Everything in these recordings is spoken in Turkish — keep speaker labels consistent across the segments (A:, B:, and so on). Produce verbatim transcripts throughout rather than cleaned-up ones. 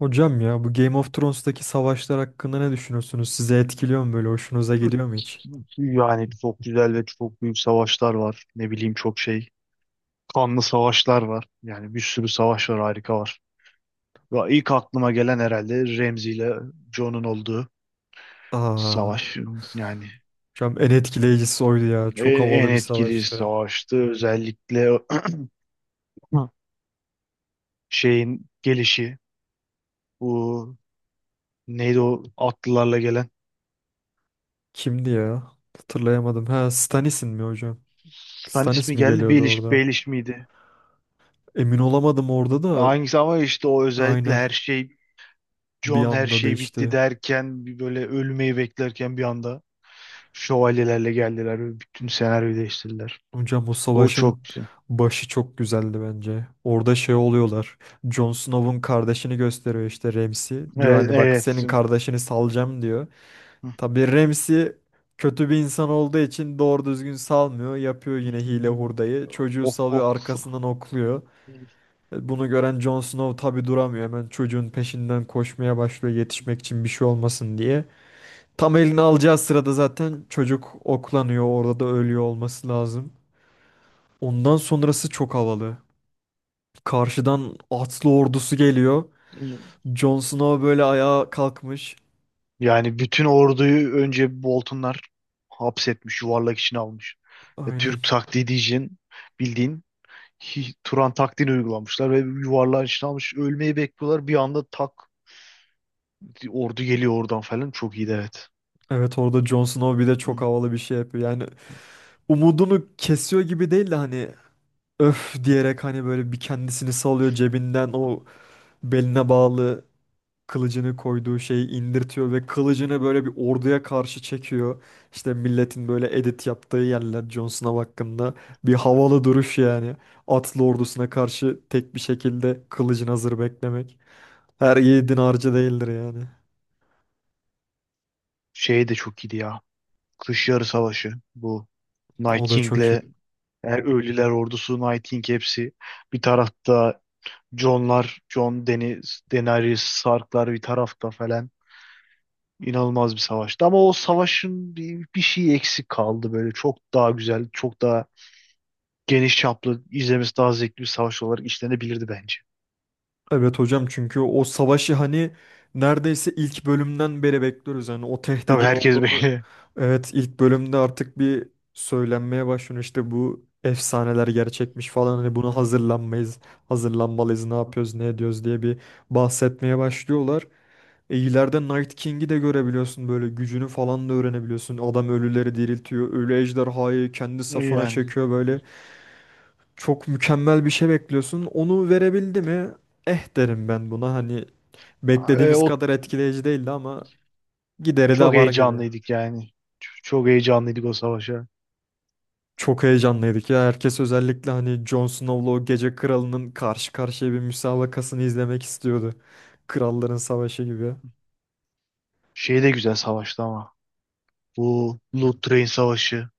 A: Hocam ya bu Game of Thrones'taki savaşlar hakkında ne düşünüyorsunuz? Sizi etkiliyor mu böyle? Hoşunuza gidiyor mu hiç?
B: Yani çok güzel ve çok büyük savaşlar var. Ne bileyim çok şey. Kanlı savaşlar var. Yani bir sürü savaş var, harika var. Ve ilk aklıma gelen herhalde Remzi ile John'un olduğu savaş.
A: Aa,
B: Yani
A: hocam en etkileyicisi oydu ya.
B: en,
A: Çok
B: en
A: havalı bir
B: etkili
A: savaştı.
B: savaştı. Özellikle şeyin gelişi. Bu neydi o atlılarla gelen.
A: Kimdi ya? Hatırlayamadım. Ha Stannis'in mi hocam?
B: Hani
A: Stannis
B: ismi
A: mi
B: geldi,
A: geliyordu
B: Baelish,
A: orada?
B: Baelish miydi?
A: Emin olamadım orada da
B: Hangisi ama işte o özellikle
A: aynen,
B: her şey,
A: bir
B: John her
A: anda
B: şey bitti
A: değişti.
B: derken, bir böyle ölmeyi beklerken bir anda şövalyelerle geldiler ve bütün senaryoyu değiştirdiler.
A: Hocam o
B: O
A: savaşın
B: çok güzel.
A: başı çok güzeldi bence. Orada şey oluyorlar. Jon Snow'un kardeşini gösteriyor işte Ramsay. Diyor
B: Evet,
A: hani bak
B: evet.
A: senin kardeşini salacağım diyor. Tabii Ramsey kötü bir insan olduğu için doğru düzgün salmıyor. Yapıyor yine hile hurdayı. Çocuğu
B: Ok,
A: salıyor
B: ok.
A: arkasından okluyor. E, Bunu gören Jon Snow tabii duramıyor. Hemen çocuğun peşinden koşmaya başlıyor yetişmek için bir şey olmasın diye. Tam elini alacağı sırada zaten çocuk oklanıyor. Orada da ölüyor olması lazım. Ondan sonrası çok havalı. Karşıdan atlı ordusu geliyor. Jon Snow böyle ayağa kalkmış.
B: Yani bütün orduyu önce Boltonlar hapsetmiş, yuvarlak içine almış. E,
A: Aynen.
B: Türk taktiği diyeceğin, bildiğin, hi- Turan taktiğini uygulamışlar ve yuvarlağın içine almış. Ölmeyi bekliyorlar. Bir anda tak, ordu geliyor oradan falan. Çok iyiydi, evet.
A: Evet, orada Jon Snow bir de
B: Hı.
A: çok havalı bir şey yapıyor. Yani umudunu kesiyor gibi değil de hani öf diyerek hani böyle bir kendisini salıyor cebinden o beline bağlı kılıcını koyduğu şeyi indirtiyor ve kılıcını böyle bir orduya karşı çekiyor. İşte milletin böyle edit yaptığı yerler Jon Snow hakkında, bir havalı duruş yani. Atlı ordusuna karşı tek bir şekilde kılıcın hazır beklemek. Her yiğidin harcı değildir yani.
B: Şey de çok iyiydi ya. Kış Yarı Savaşı. Bu Night
A: O da çok iyi.
B: King'le, yani Ölüler Ordusu, Night King hepsi. Bir tarafta Jon'lar, Jon Deniz, Daenerys, Stark'lar bir tarafta falan. İnanılmaz bir savaştı. Ama o savaşın bir, bir şeyi eksik kaldı böyle. Çok daha güzel, çok daha geniş çaplı, izlemesi daha zevkli bir savaş olarak işlenebilirdi bence.
A: Evet hocam, çünkü o savaşı hani neredeyse ilk bölümden beri bekliyoruz. Yani o
B: Tabii
A: tehdidin
B: herkes
A: olduğunu,
B: böyle.
A: evet, ilk bölümde artık bir söylenmeye başlıyor. İşte bu efsaneler gerçekmiş falan hani buna hazırlanmayız, hazırlanmalıyız, ne yapıyoruz, ne ediyoruz diye bir bahsetmeye başlıyorlar. E ileride Night King'i de görebiliyorsun, böyle gücünü falan da öğrenebiliyorsun. Adam ölüleri diriltiyor, ölü ejderhayı kendi safına
B: Yani
A: çekiyor, böyle çok mükemmel bir şey bekliyorsun. Onu verebildi mi? Eh derim ben buna. Hani
B: e,
A: beklediğimiz
B: o
A: kadar etkileyici değildi ama gideri
B: çok
A: de var gibi.
B: heyecanlıydık yani. Ç- Çok heyecanlıydık o savaşa.
A: Çok heyecanlıydık ya. Herkes özellikle hani Jon Snow'la o Gece Kralı'nın karşı karşıya bir müsabakasını izlemek istiyordu. Kralların Savaşı gibi.
B: Şey de güzel savaştı ama. Bu Blood Train Savaşı.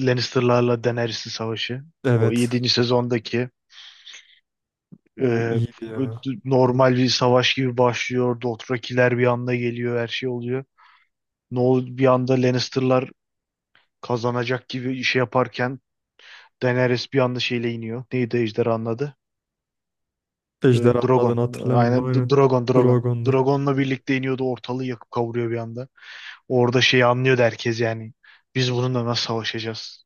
B: Lannister'larla Daenerys'in savaşı. O
A: Evet.
B: yedinci sezondaki.
A: O
B: e,
A: iyiydi ya.
B: Normal bir savaş gibi başlıyor. Dothrakiler bir anda geliyor. Her şey oluyor. Ne ol, bir anda Lannister'lar kazanacak gibi şey yaparken Daenerys bir anda şeyle iniyor. Neydi ejderhanın adı? E,
A: Ejderhanın
B: Drogon.
A: adını hatırlamıyorum.
B: Aynen, D-
A: Aynen.
B: Drogon, Drogon.
A: Drogon'dur.
B: Drogon'la birlikte iniyordu. Ortalığı yakıp kavuruyor bir anda. Orada şeyi anlıyordu herkes yani. Biz bununla nasıl savaşacağız?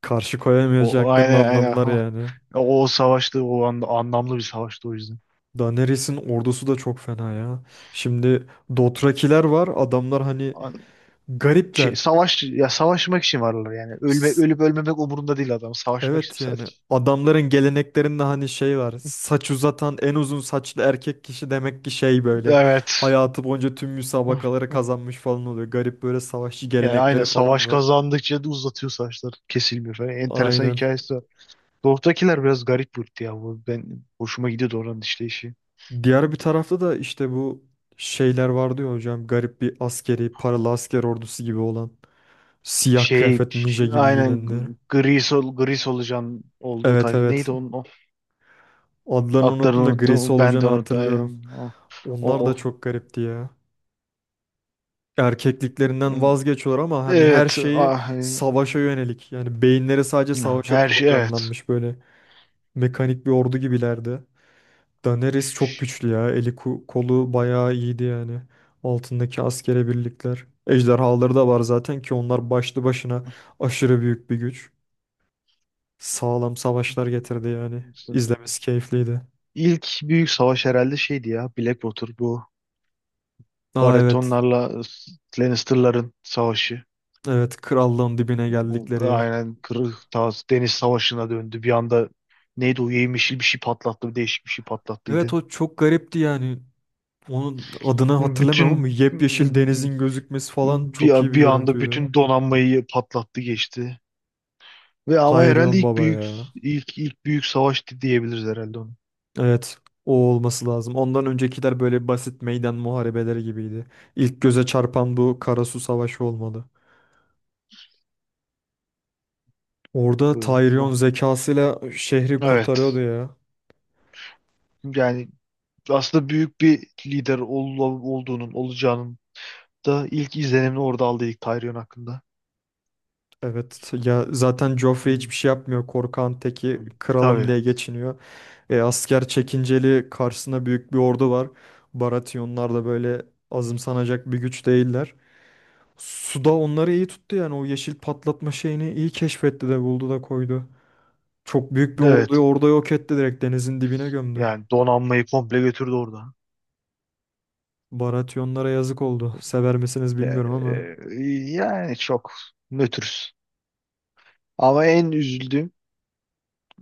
A: Karşı
B: O, o
A: koyamayacaklarını
B: aynen, aynen.
A: anladılar
B: Ha.
A: yani.
B: O, o savaştı, o anda anlamlı bir savaştı o yüzden.
A: Daenerys'in ordusu da çok fena ya. Şimdi Dothrakiler var. Adamlar hani
B: An-
A: garipler.
B: Şey, savaş ya, savaşmak için varlar yani. Ölme
A: S-
B: ölüp ölmemek umurunda değil adam. Savaşmak için
A: Evet, yani
B: sadece.
A: adamların geleneklerinde hani şey var. Saç uzatan en uzun saçlı erkek kişi demek ki şey böyle.
B: Evet.
A: Hayatı boyunca tüm
B: Hıh,
A: müsabakaları
B: hıh.
A: kazanmış falan oluyor. Garip böyle savaşçı
B: Yani aynen,
A: gelenekleri falan
B: savaş
A: var.
B: kazandıkça da uzatıyor saçlar. Kesilmiyor falan. Enteresan
A: Aynen.
B: hikayesi var. Doğudakiler biraz garip bir ırktı ya. Bu, ben hoşuma gidiyordu oranın işleyişi.
A: Diğer bir tarafta da işte bu şeyler vardı ya hocam. Garip bir askeri, paralı asker ordusu gibi olan. Siyah
B: Şey,
A: kıyafetli ninja gibi
B: aynen,
A: giyinenler.
B: gri sol gri solucan olduğu
A: Evet,
B: tayfa.
A: evet.
B: Neydi onun o?
A: Adlarını
B: Adlarını
A: unuttum da grisi
B: unuttum. Ben
A: olacağını
B: de unuttum.
A: hatırlıyorum.
B: Aynen. O,
A: Onlar da
B: o.
A: çok garipti ya. Erkekliklerinden vazgeçiyorlar ama hani her
B: Evet.
A: şeyi
B: Ah, e,
A: savaşa yönelik. Yani beyinleri sadece savaşa
B: her şey, evet.
A: programlanmış, böyle mekanik bir ordu gibilerdi. Daenerys çok
B: Ş-
A: güçlü ya. Eli ku- kolu bayağı iyiydi yani. Altındaki askere birlikler. Ejderhaları da var zaten ki onlar başlı başına aşırı büyük bir güç. Sağlam savaşlar getirdi yani.
B: işte
A: İzlemesi keyifliydi.
B: İlk büyük savaş herhalde şeydi ya. Blackwater, bu
A: Aa evet.
B: Baratheonlarla e, Lannister'ların savaşı.
A: Evet, krallığın dibine
B: Bu
A: geldikleri yer.
B: aynen kırık Tağız Deniz Savaşı'na döndü. Bir anda neydi o, yemişil bir şey patlattı. Değişik bir şey
A: Evet
B: patlattıydı.
A: o çok garipti yani. Onun adını hatırlamıyorum ama
B: Bütün,
A: yepyeşil denizin gözükmesi falan çok iyi
B: bir,
A: bir
B: bir anda
A: görüntüydü.
B: bütün donanmayı patlattı geçti. Ve ama herhalde
A: Tyrion
B: ilk
A: Baba
B: büyük,
A: ya.
B: ilk ilk büyük savaştı diyebiliriz herhalde onu.
A: Evet, o olması lazım. Ondan öncekiler böyle basit meydan muharebeleri gibiydi. İlk göze çarpan bu Karasu Savaşı olmalı. Orada
B: Böyle.
A: Tyrion zekasıyla şehri kurtarıyordu
B: Evet.
A: ya.
B: Yani aslında büyük bir lider ol- olduğunun, olacağının da ilk izlenimini orada aldıydık Tyrion hakkında.
A: Evet ya, zaten Joffrey
B: Hı,
A: hiçbir şey yapmıyor. Korkan teki
B: hı.
A: kralım
B: Tabii.
A: diye geçiniyor. E, asker çekinceli karşısına büyük bir ordu var. Baratyonlar da böyle azımsanacak bir güç değiller. Suda onları iyi tuttu yani, o yeşil patlatma şeyini iyi keşfetti de buldu da koydu. Çok büyük bir orduyu
B: Evet.
A: orada yok etti, direkt denizin dibine gömdü.
B: Yani donanmayı komple götürdü orada.
A: Baratyonlara yazık oldu. Sever misiniz
B: E,
A: bilmiyorum ama
B: e, Yani çok nötrüz. Ama en üzüldüğüm,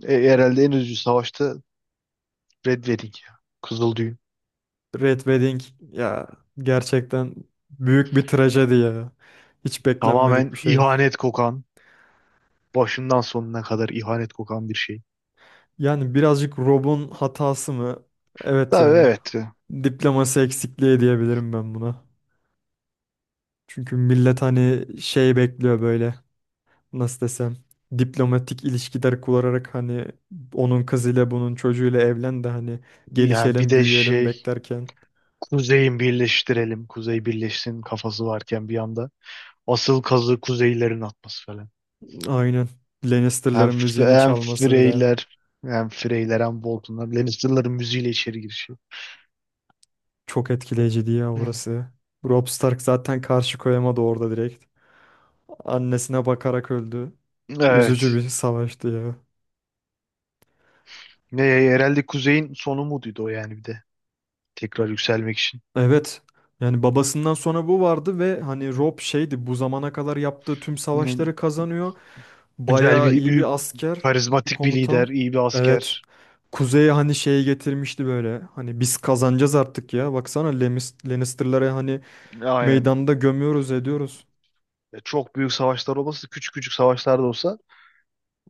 B: e, herhalde en üzücü savaşta Red Wedding ya. Kızıl Düğün.
A: Red Wedding ya, gerçekten büyük bir trajedi ya. Hiç beklenmedik
B: Tamamen
A: bir şey.
B: ihanet kokan, başından sonuna kadar ihanet kokan bir şey.
A: Yani birazcık Rob'un hatası mı? Evet
B: Tabii,
A: yani.
B: evet.
A: Diploması eksikliği diyebilirim ben buna. Çünkü millet hani şey bekliyor böyle, nasıl desem, diplomatik ilişkiler kurarak hani onun kızıyla bunun çocuğuyla evlen de hani
B: Ya bir
A: gelişelim
B: de
A: büyüyelim
B: şey,
A: beklerken,
B: Kuzey'in birleştirelim. Kuzey birleşsin kafası varken bir anda. Asıl kazı Kuzeylerin atması falan.
A: aynen,
B: Hem,
A: Lannister'ların müziğini
B: Hem
A: çalması bile
B: Freyler, hem Freyler hem Boltonlar. Lannister'ların müziğiyle içeri girişi.
A: çok etkileyiciydi ya
B: Hı.
A: orası. Robb Stark zaten karşı koyamadı orada direkt. Annesine bakarak öldü.
B: Evet.
A: Üzücü bir savaştı ya.
B: Ne, herhalde Kuzey'in sonu muydu o yani, bir de. Tekrar yükselmek için.
A: Evet. Yani babasından sonra bu vardı ve hani Rob şeydi, bu zamana kadar yaptığı tüm
B: Hı.
A: savaşları kazanıyor.
B: Güzel
A: Bayağı
B: bir
A: iyi
B: büyük,
A: bir asker, bir
B: karizmatik bir
A: komutan.
B: lider, iyi bir
A: Evet.
B: asker.
A: Kuzey'e hani şeyi getirmişti böyle. Hani biz kazanacağız artık ya. Baksana Lemis- Lannister'ları hani
B: Aynen.
A: meydanda gömüyoruz ediyoruz.
B: Çok büyük savaşlar olmasa da küçük küçük savaşlar da olsa,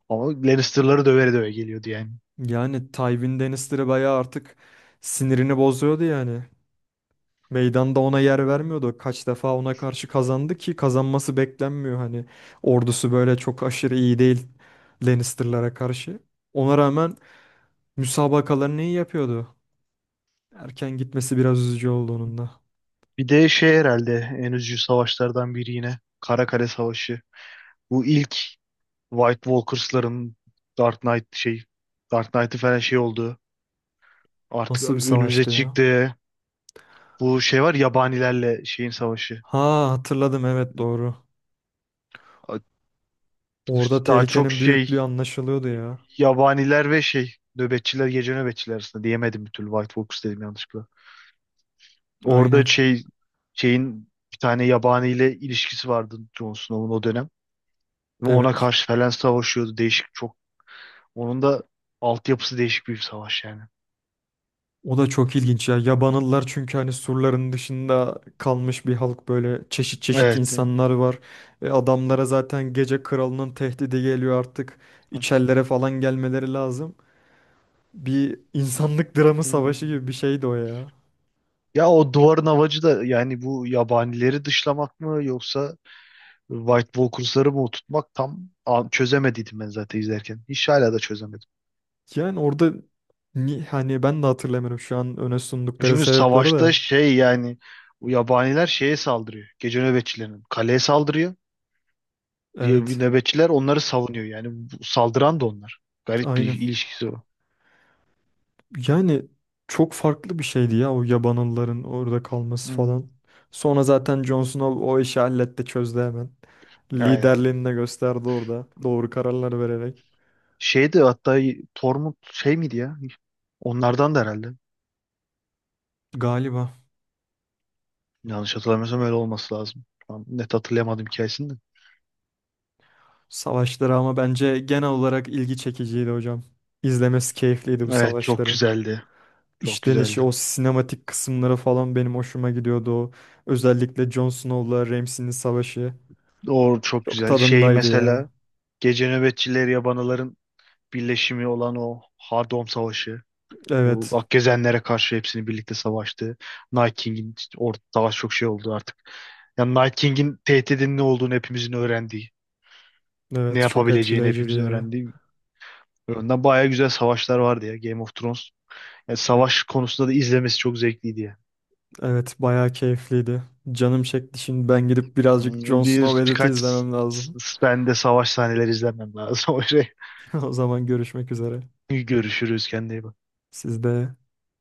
B: ama Lannister'ları döveri döve geliyordu yani.
A: Yani Tywin Lannister'ı bayağı artık sinirini bozuyordu yani. Meydanda ona yer vermiyordu. Kaç defa ona karşı kazandı ki, kazanması beklenmiyor hani. Ordusu böyle çok aşırı iyi değil Lannister'lara karşı. Ona rağmen müsabakalarını iyi yapıyordu. Erken gitmesi biraz üzücü oldu onun da.
B: Bir de şey, herhalde en üzücü savaşlardan biri yine. Karakale Savaşı. Bu ilk White Walkers'ların Dark Knight şey, Dark Knight'ı falan şey oldu. Artık
A: Nasıl bir
B: önümüze
A: savaştı ya?
B: çıktı. Bu şey var, yabanilerle şeyin savaşı.
A: Ha hatırladım, evet doğru. Orada
B: Daha çok
A: tehlikenin
B: şey,
A: büyüklüğü anlaşılıyordu ya.
B: yabaniler ve şey nöbetçiler, gece nöbetçiler arasında diyemedim bir türlü, White Walkers dedim yanlışlıkla. Orada
A: Aynen
B: şey, şeyin bir tane yabaniyle ilişkisi vardı Jon Snow'un o dönem. Ve ona
A: evet.
B: karşı falan savaşıyordu. Değişik çok. Onun da altyapısı değişik bir savaş yani.
A: O da çok ilginç ya. Yabanıllar çünkü hani surların dışında kalmış bir halk, böyle çeşit çeşit
B: Evet.
A: insanlar var. Ve adamlara zaten gece kralının tehdidi geliyor artık. İçerilere falan gelmeleri lazım. Bir insanlık dramı savaşı
B: Hmm.
A: gibi bir şeydi o ya.
B: Ya o duvarın amacı da yani bu yabanileri dışlamak mı, yoksa White Walkers'ları mı oturtmak, tam a- çözemediydim ben zaten izlerken. Hiç, hala da çözemedim.
A: Yani orada ni- hani ben de hatırlamıyorum şu an öne sundukları
B: Çünkü
A: sebepleri
B: savaşta
A: de.
B: şey yani, o yabaniler şeye saldırıyor. Gece nöbetçilerinin kaleye saldırıyor. Diye bir
A: Evet.
B: nöbetçiler onları savunuyor. Yani bu saldıran da onlar. Garip bir
A: Aynen.
B: ilişkisi o.
A: Yani çok farklı bir şeydi ya o yabanılların orada kalması
B: Hmm.
A: falan. Sonra zaten Jon Snow o işi halletti, çözdü hemen.
B: Aynen.
A: Liderliğini de gösterdi orada doğru kararlar vererek.
B: Şeydi hatta, Tormund şey miydi ya? Onlardan da herhalde.
A: Galiba
B: Yanlış hatırlamıyorsam öyle olması lazım. Tam net hatırlayamadım hikayesini de.
A: savaşları ama bence genel olarak ilgi çekiciydi hocam. İzlemesi keyifliydi bu
B: Evet, çok
A: savaşların.
B: güzeldi. Çok
A: İşlenişi
B: güzeldi.
A: o sinematik kısımları falan benim hoşuma gidiyordu o. Özellikle Jon Snow'la Ramsay'nin savaşı.
B: O çok
A: Çok
B: güzel. Şey
A: tadındaydı
B: mesela,
A: ya.
B: gece nöbetçileri yabanaların birleşimi olan o Hardom Savaşı. Bu
A: Evet.
B: Akgezenlere karşı hepsini birlikte savaştı. Night King'in işte orada daha çok şey oldu artık. Yani Night King'in tehdidinin ne olduğunu hepimizin öğrendiği. Ne
A: Evet çok
B: yapabileceğini
A: etkileyiciydi
B: hepimizin
A: ya.
B: öğrendiği. Önden bayağı güzel savaşlar vardı ya Game of Thrones. Yani savaş konusunda da izlemesi çok zevkliydi ya.
A: Evet bayağı keyifliydi. Canım çekti, şimdi ben gidip birazcık Jon
B: Hmm.
A: Snow
B: Bir,
A: ve Edith'i
B: birkaç
A: izlemem lazım.
B: s- s- ben de savaş sahneleri izlemem lazım. O şey.
A: O zaman görüşmek üzere.
B: Görüşürüz, kendine iyi bak.
A: Siz de.